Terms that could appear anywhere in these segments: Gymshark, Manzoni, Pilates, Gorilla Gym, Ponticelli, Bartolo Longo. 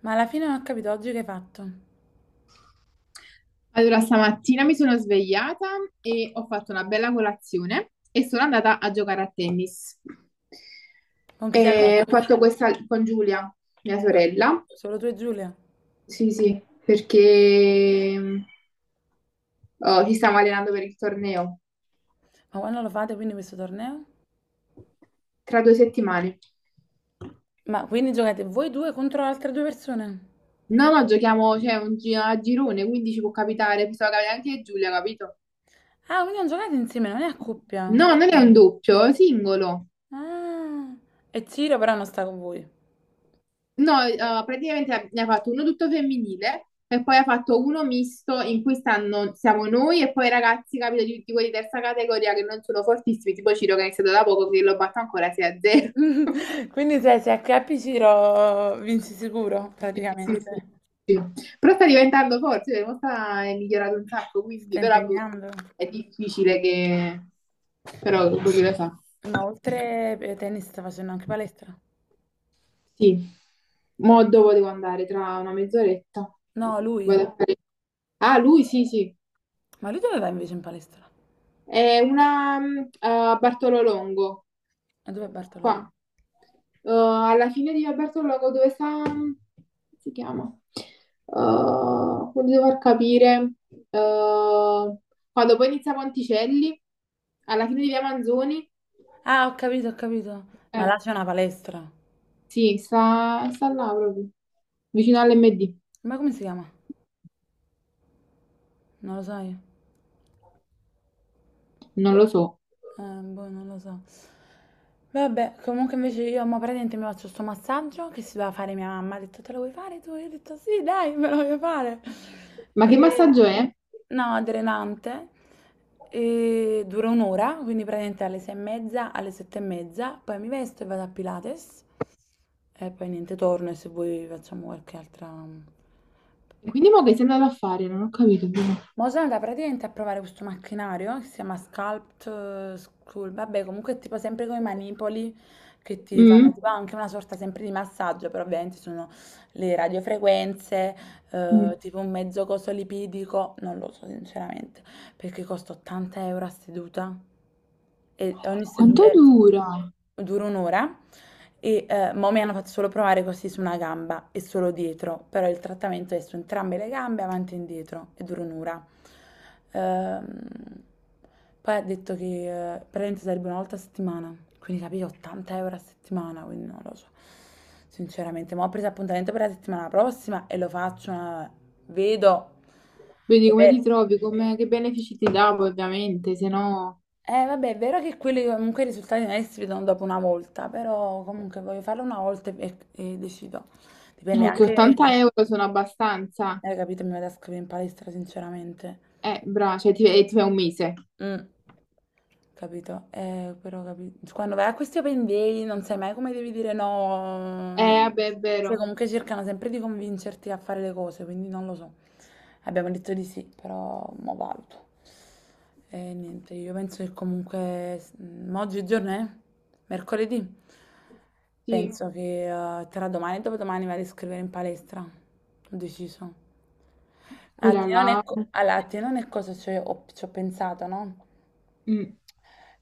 Ma alla fine non ho capito oggi che hai fatto. Allora, stamattina mi sono svegliata e ho fatto una bella colazione e sono andata a giocare a tennis. Con chi sei E andata? ho fatto questa con Giulia, mia sorella. Solo tu e Giulia. Sì, sì, perché oh, ci stiamo allenando per il torneo Ma quando lo fate quindi questo torneo? tra 2 settimane. Ma quindi giocate voi due contro altre due persone? No, no, giochiamo, cioè, a girone, quindi ci può capitare, poteva capitare anche a Giulia, capito? Ah, quindi non giocate insieme, non è a coppia. No, non è un doppio, è singolo. Ah. E Ciro però non sta con voi. No, praticamente ne ha fatto uno tutto femminile e poi ha fatto uno misto in cui stanno, siamo noi e poi i ragazzi, capito, di quelli di 3ª categoria che non sono fortissimi, tipo Ciro che è iniziato da poco, che lo batto ancora 6-0. Quindi se acchiappi Ciro vinci sicuro, Sì, sì, sì, praticamente. sì. Però sta diventando forte, cioè, mo sta è migliorato un sacco, Si quindi sta però boh, impegnando. è difficile che... però boh, chi lo sa. Ma oltre tennis sta facendo anche palestra. Sì, mo dove devo andare? Tra una mezz'oretta. No, lui. Vado a fare- Ah, lui sì, sì. Ma lui dove va invece in palestra? È una a Bartolo Longo, E dove è Bartololo? qua. Alla fine di via Bartolo Longo, dove sta... come si chiama? Voglio far capire. eh, quando poi inizia Ponticelli, alla fine di via Manzoni, Ah, ho capito, ho capito. Ma eh, là c'è una palestra. sì, sta là proprio, vicino all'MD. Ma come si chiama? Non lo sai? Non lo Boh. so. Boh, non lo so. Vabbè, comunque invece io mo praticamente mi faccio sto massaggio che si doveva fare mia mamma. Ha detto, te lo vuoi fare tu? Io ho detto, sì, dai, me lo voglio fare. Ma che E... massaggio è? No, drenante. E dura un'ora, quindi praticamente alle 6:30, alle 7:30. Poi mi vesto e vado a Pilates. E poi niente, torno e se vuoi facciamo qualche altra... Quindi mo che sei andato a fare? Non ho capito. Però. Ma sono andata praticamente a provare questo macchinario che si chiama Sculpt School, vabbè comunque è tipo sempre con i manipoli che ti fanno Mm? tipo anche una sorta sempre di massaggio, però ovviamente sono le radiofrequenze, Mm. Tipo un mezzo coso lipidico, non lo so sinceramente, perché costa 80 euro a seduta e ogni seduta Quanto dura? dura un'ora. E mo mi hanno fatto solo provare così su una gamba e solo dietro, però il trattamento è su entrambe le gambe, avanti e indietro, e dura un'ora. Ehm, Poi ha detto che praticamente sarebbe una volta a settimana, quindi capito, 80 euro a settimana, quindi non lo so. Sinceramente, ma ho preso appuntamento per la settimana prossima e lo faccio, ma vedo. Vedi È come ti vero. trovi, come- che benefici ti dà poi, ovviamente, se no... Vabbè, è vero che quelli comunque i risultati non è che si vedono dopo una volta, però comunque voglio farlo una volta e decido. Dipende no, che anche, 80 euro sono abbastanza. Capito, mi vado a scrivere in palestra, sinceramente. Bravo, cioè ti, e ti fai un mese. Mm, capito? Quando vai a questi open day non sai mai come devi dire no. Vabbè, è Cioè, vero. comunque cercano sempre di convincerti a fare le cose, quindi non lo so. Abbiamo detto di sì, però mo valuto. E niente, io penso che comunque ma oggi che giorno è? Mercoledì. Sì, Penso che tra domani e dopodomani vado a scrivere in palestra. Ho deciso. Allora, quella là... a te non è cosa ci ho pensato, no? mm,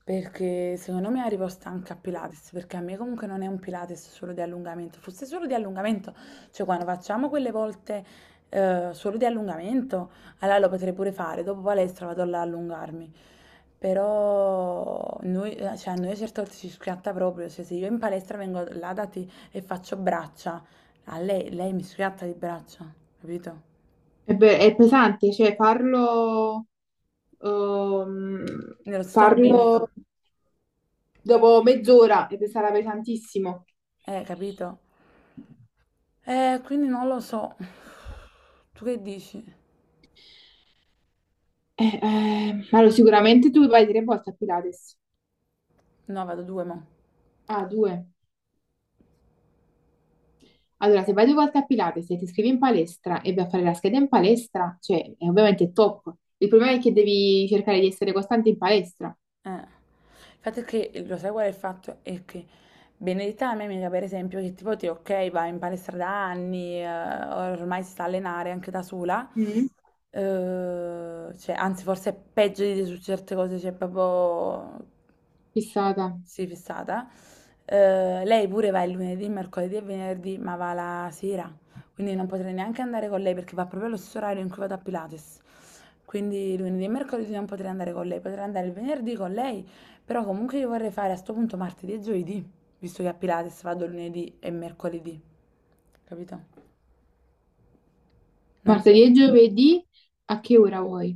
Perché secondo me arrivo stanca a Pilates, perché a me comunque non è un Pilates solo di allungamento, fosse solo di allungamento, cioè quando facciamo quelle volte solo di allungamento, allora lo potrei pure fare, dopo palestra vado là a allungarmi, però noi, cioè, a noi a certe volte ci schiatta proprio, cioè se io in palestra vengo là da te e faccio braccia, a lei, lei mi schiatta di braccia, capito? è, è pesante, cioè farlo... ehm, Nello stesso momento, farlo dopo mezz'ora e sarà pesantissimo. Capito? Quindi non lo so, tu che dici? Allora, sicuramente tu vai 3 volte a Pilates. No, vado due, mo. Ah, due. Allora, se vai 2 volte a Pilates e ti iscrivi in palestra e vai a fare la scheda in palestra, cioè, è ovviamente top. Il problema è che devi cercare di essere costante in palestra. Il fatto è che, lo sai qual è il fatto? È che Benedetta, la mia amica, per esempio, che tipo te, ok, va in palestra da anni, ormai si sta a allenare anche da sola, Mm, cioè, anzi forse è peggio di te su certe cose, cioè proprio fissata. Sì, fissata. Lei pure va il lunedì, mercoledì e venerdì, ma va la sera. Quindi non potrei neanche andare con lei perché va proprio allo stesso orario in cui vado a Pilates. Quindi lunedì e mercoledì non potrei andare con lei, potrei andare il venerdì con lei, però comunque io vorrei fare a sto punto martedì e giovedì, visto che a Pilates vado lunedì e mercoledì, capito? Non so. Martedì e giovedì, a che ora vuoi?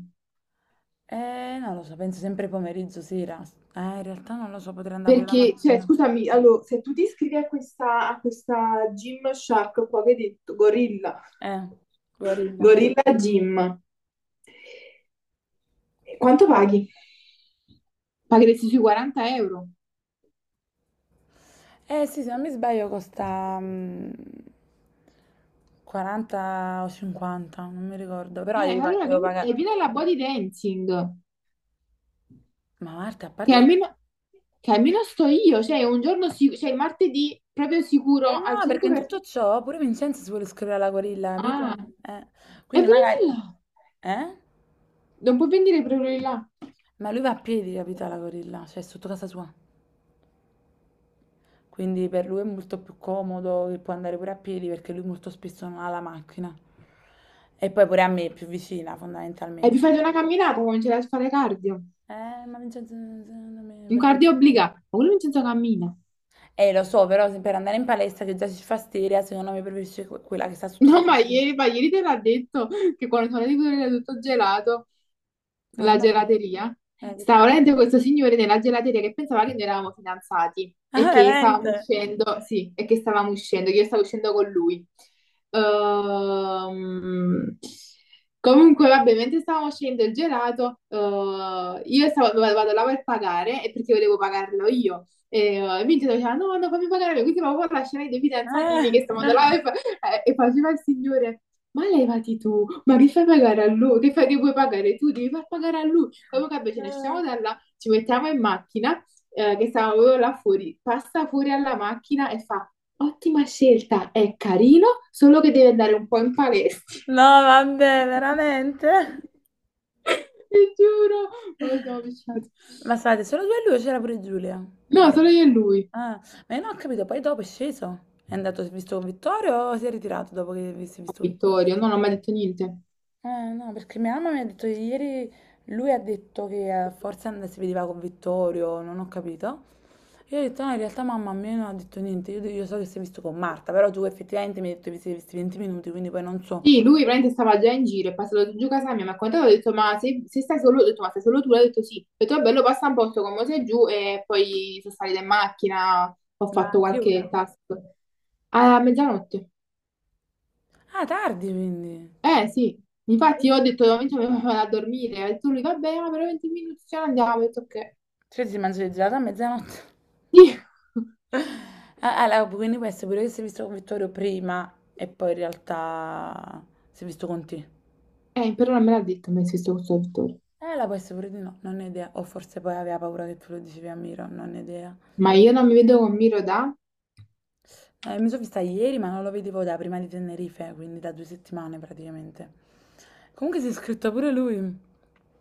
Non lo so, penso sempre pomeriggio, sera. In realtà non lo so, potrei andare pure la Perché, cioè, mattina. scusami, allora, se tu ti iscrivi a questa Gymshark qua che hai detto, Gorilla, Eh, Guarilla. Gorilla Gym, quanto paghi? Pagheresti sui 40 euro. Eh sì, se non mi sbaglio costa 40 o 50, non mi ricordo, però Allora devo vieni, pagare. e vieni alla body dancing. Ma Marta, a Che parte... che- almeno, che almeno sto io, cioè un giorno sicuro, cioè il martedì proprio sicuro Eh al no, perché in tutto 100%. ciò pure Vincenzo si vuole iscrivere alla gorilla, capito? Ah, Eh, e quindi venite magari... là, Eh? non puoi venire proprio di là. Ma lui va a piedi, capito, alla gorilla, cioè sotto casa sua. Quindi per lui è molto più comodo che può andare pure a piedi perché lui molto spesso non ha la macchina. E poi pure a me è più vicina, E vi fondamentalmente. fate una camminata, cominciate a fare cardio. Ma Vincenzo non me Un cardio obbligato, ma quello non senza cammina. Lo so, però se per andare in palestra che già si fa steria, secondo me preferisci quella che sta sotto No, casa tua. Ma ieri te l'ha detto che quando sono di quello era tutto gelato. No, La no, no. gelateria? Che te- Stava veramente questo signore nella gelateria che pensava che noi eravamo fidanzati e Ah, che stavamo veramente? uscendo, sì, che io stavo uscendo con lui. Ehm, comunque, vabbè, mentre stavamo uscendo il gelato, io stavo, vado là per pagare e perché volevo pagarlo io. E e mi diceva, no, no, fammi pagare, io, quindi proprio lascerai dei fidanzatini Eh. che stavano là e e faceva il signore. Ma levati tu, ma li fai pagare a lui, che fai che vuoi pagare tu? Devi far pagare a lui. Comunque vabbè, ce ne stiamo Eh. da là, ci mettiamo in macchina, che stavo proprio là fuori, passa fuori alla macchina e fa, ottima scelta, è carino, solo che deve andare un po' in palestra. No, vabbè, veramente? Ti giuro, non lo siamo avvicinati. Ma state solo due e lui o c'era pure Giulia? No, solo io e lui. Ah, ma io non ho capito, poi dopo è sceso? È andato, si è visto con Vittorio o si è ritirato dopo che si è A visto? Vittorio, no, non mi ha mai detto niente. No, perché mia mamma mi ha detto che ieri, lui ha detto che si vedeva con Vittorio, non ho capito. Io ho detto, no, in realtà mamma a me non ha detto niente, io so che si è visto con Marta, però tu effettivamente mi hai detto che vi siete visti 20 minuti, quindi poi non so. Sì, lui veramente stava già in giro, è passato giù casa mia, mi ha contato, ho detto, ma se, se stai solo, ho detto, ma sei solo tu? L'ha detto sì. Ho detto, bello, passa un posto con me sei giù e poi sono salita in macchina, ho Ma fatto a che qualche ora? task. A mezzanotte. Ah, tardi quindi. Eh sì, Ah, infatti io quindi- ho detto, momento mi vado a dormire, ha detto lui, vabbè, ma per 20 minuti ce ne andiamo, ho detto, ok. Cioè si mangia il gelato a mezzanotte. Sì. Ah, allora, quindi può essere pure che si è visto con Vittorio prima e poi in realtà si è visto con te. Però non me l'ha detto, mi ha visto questo dottore. La può essere pure di no, non ne ho idea. O forse poi aveva paura che tu lo dicevi a Miro, non ne ho idea. Ma io non mi vedo con Miro da, Mi sono vista ieri, ma non lo vedevo da prima di Tenerife, quindi da 2 settimane praticamente. Comunque si è iscritto pure lui.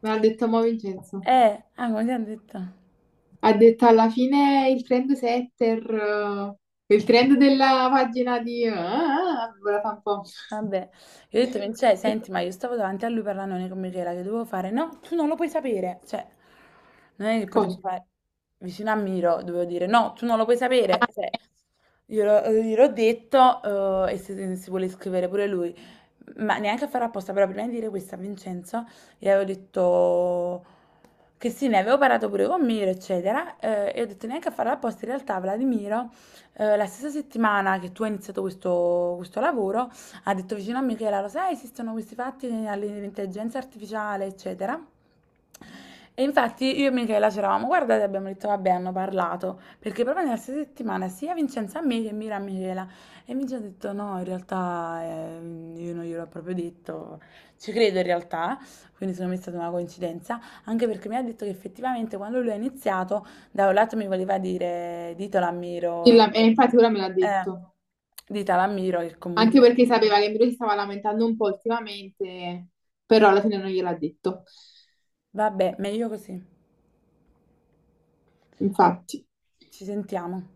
me l'ha detto mo Vincenzo. Ah, come ti hanno detto? Ha detto alla fine il trend setter, il trend della pagina di... Ah, ora fa un po'... Vabbè, gli ho detto: "Vincenzo, senti, ma io stavo davanti a lui parlandone con Michela, che dovevo fare?" "No, tu non lo puoi sapere." Cioè, non è che potevo Cosa? fare vicino a Miro, dovevo dire: "No, tu non lo puoi sapere." Cioè, gliel'ho detto, e se si vuole scrivere pure lui. Ma neanche a fare apposta, però prima di dire questo a Vincenzo, gli avevo detto che sì, ne avevo parlato pure con Miro, eccetera, e ho detto: "Neanche a farlo apposta, in realtà" alla di Miro, la stessa settimana che tu hai iniziato questo lavoro, ha detto vicino a Michela, lo sai, esistono questi fatti all'intelligenza artificiale, eccetera. E infatti io e Michela c'eravamo guardate e abbiamo detto vabbè hanno parlato perché proprio nella stessa settimana sia Vincenzo a me che Mira a Michela e Vincenzo ha detto no in realtà io non gliel'ho proprio detto ci credo in realtà quindi secondo me è stata una coincidenza anche perché mi ha detto che effettivamente quando lui ha iniziato da un lato mi voleva dire E infatti ora me l'ha eh, detto. ditelo a Miro che Anche comunque perché sapeva che lui si stava lamentando un po' ultimamente, però alla fine non gliel'ha detto. Vabbè, meglio così. Infatti. Ci sentiamo.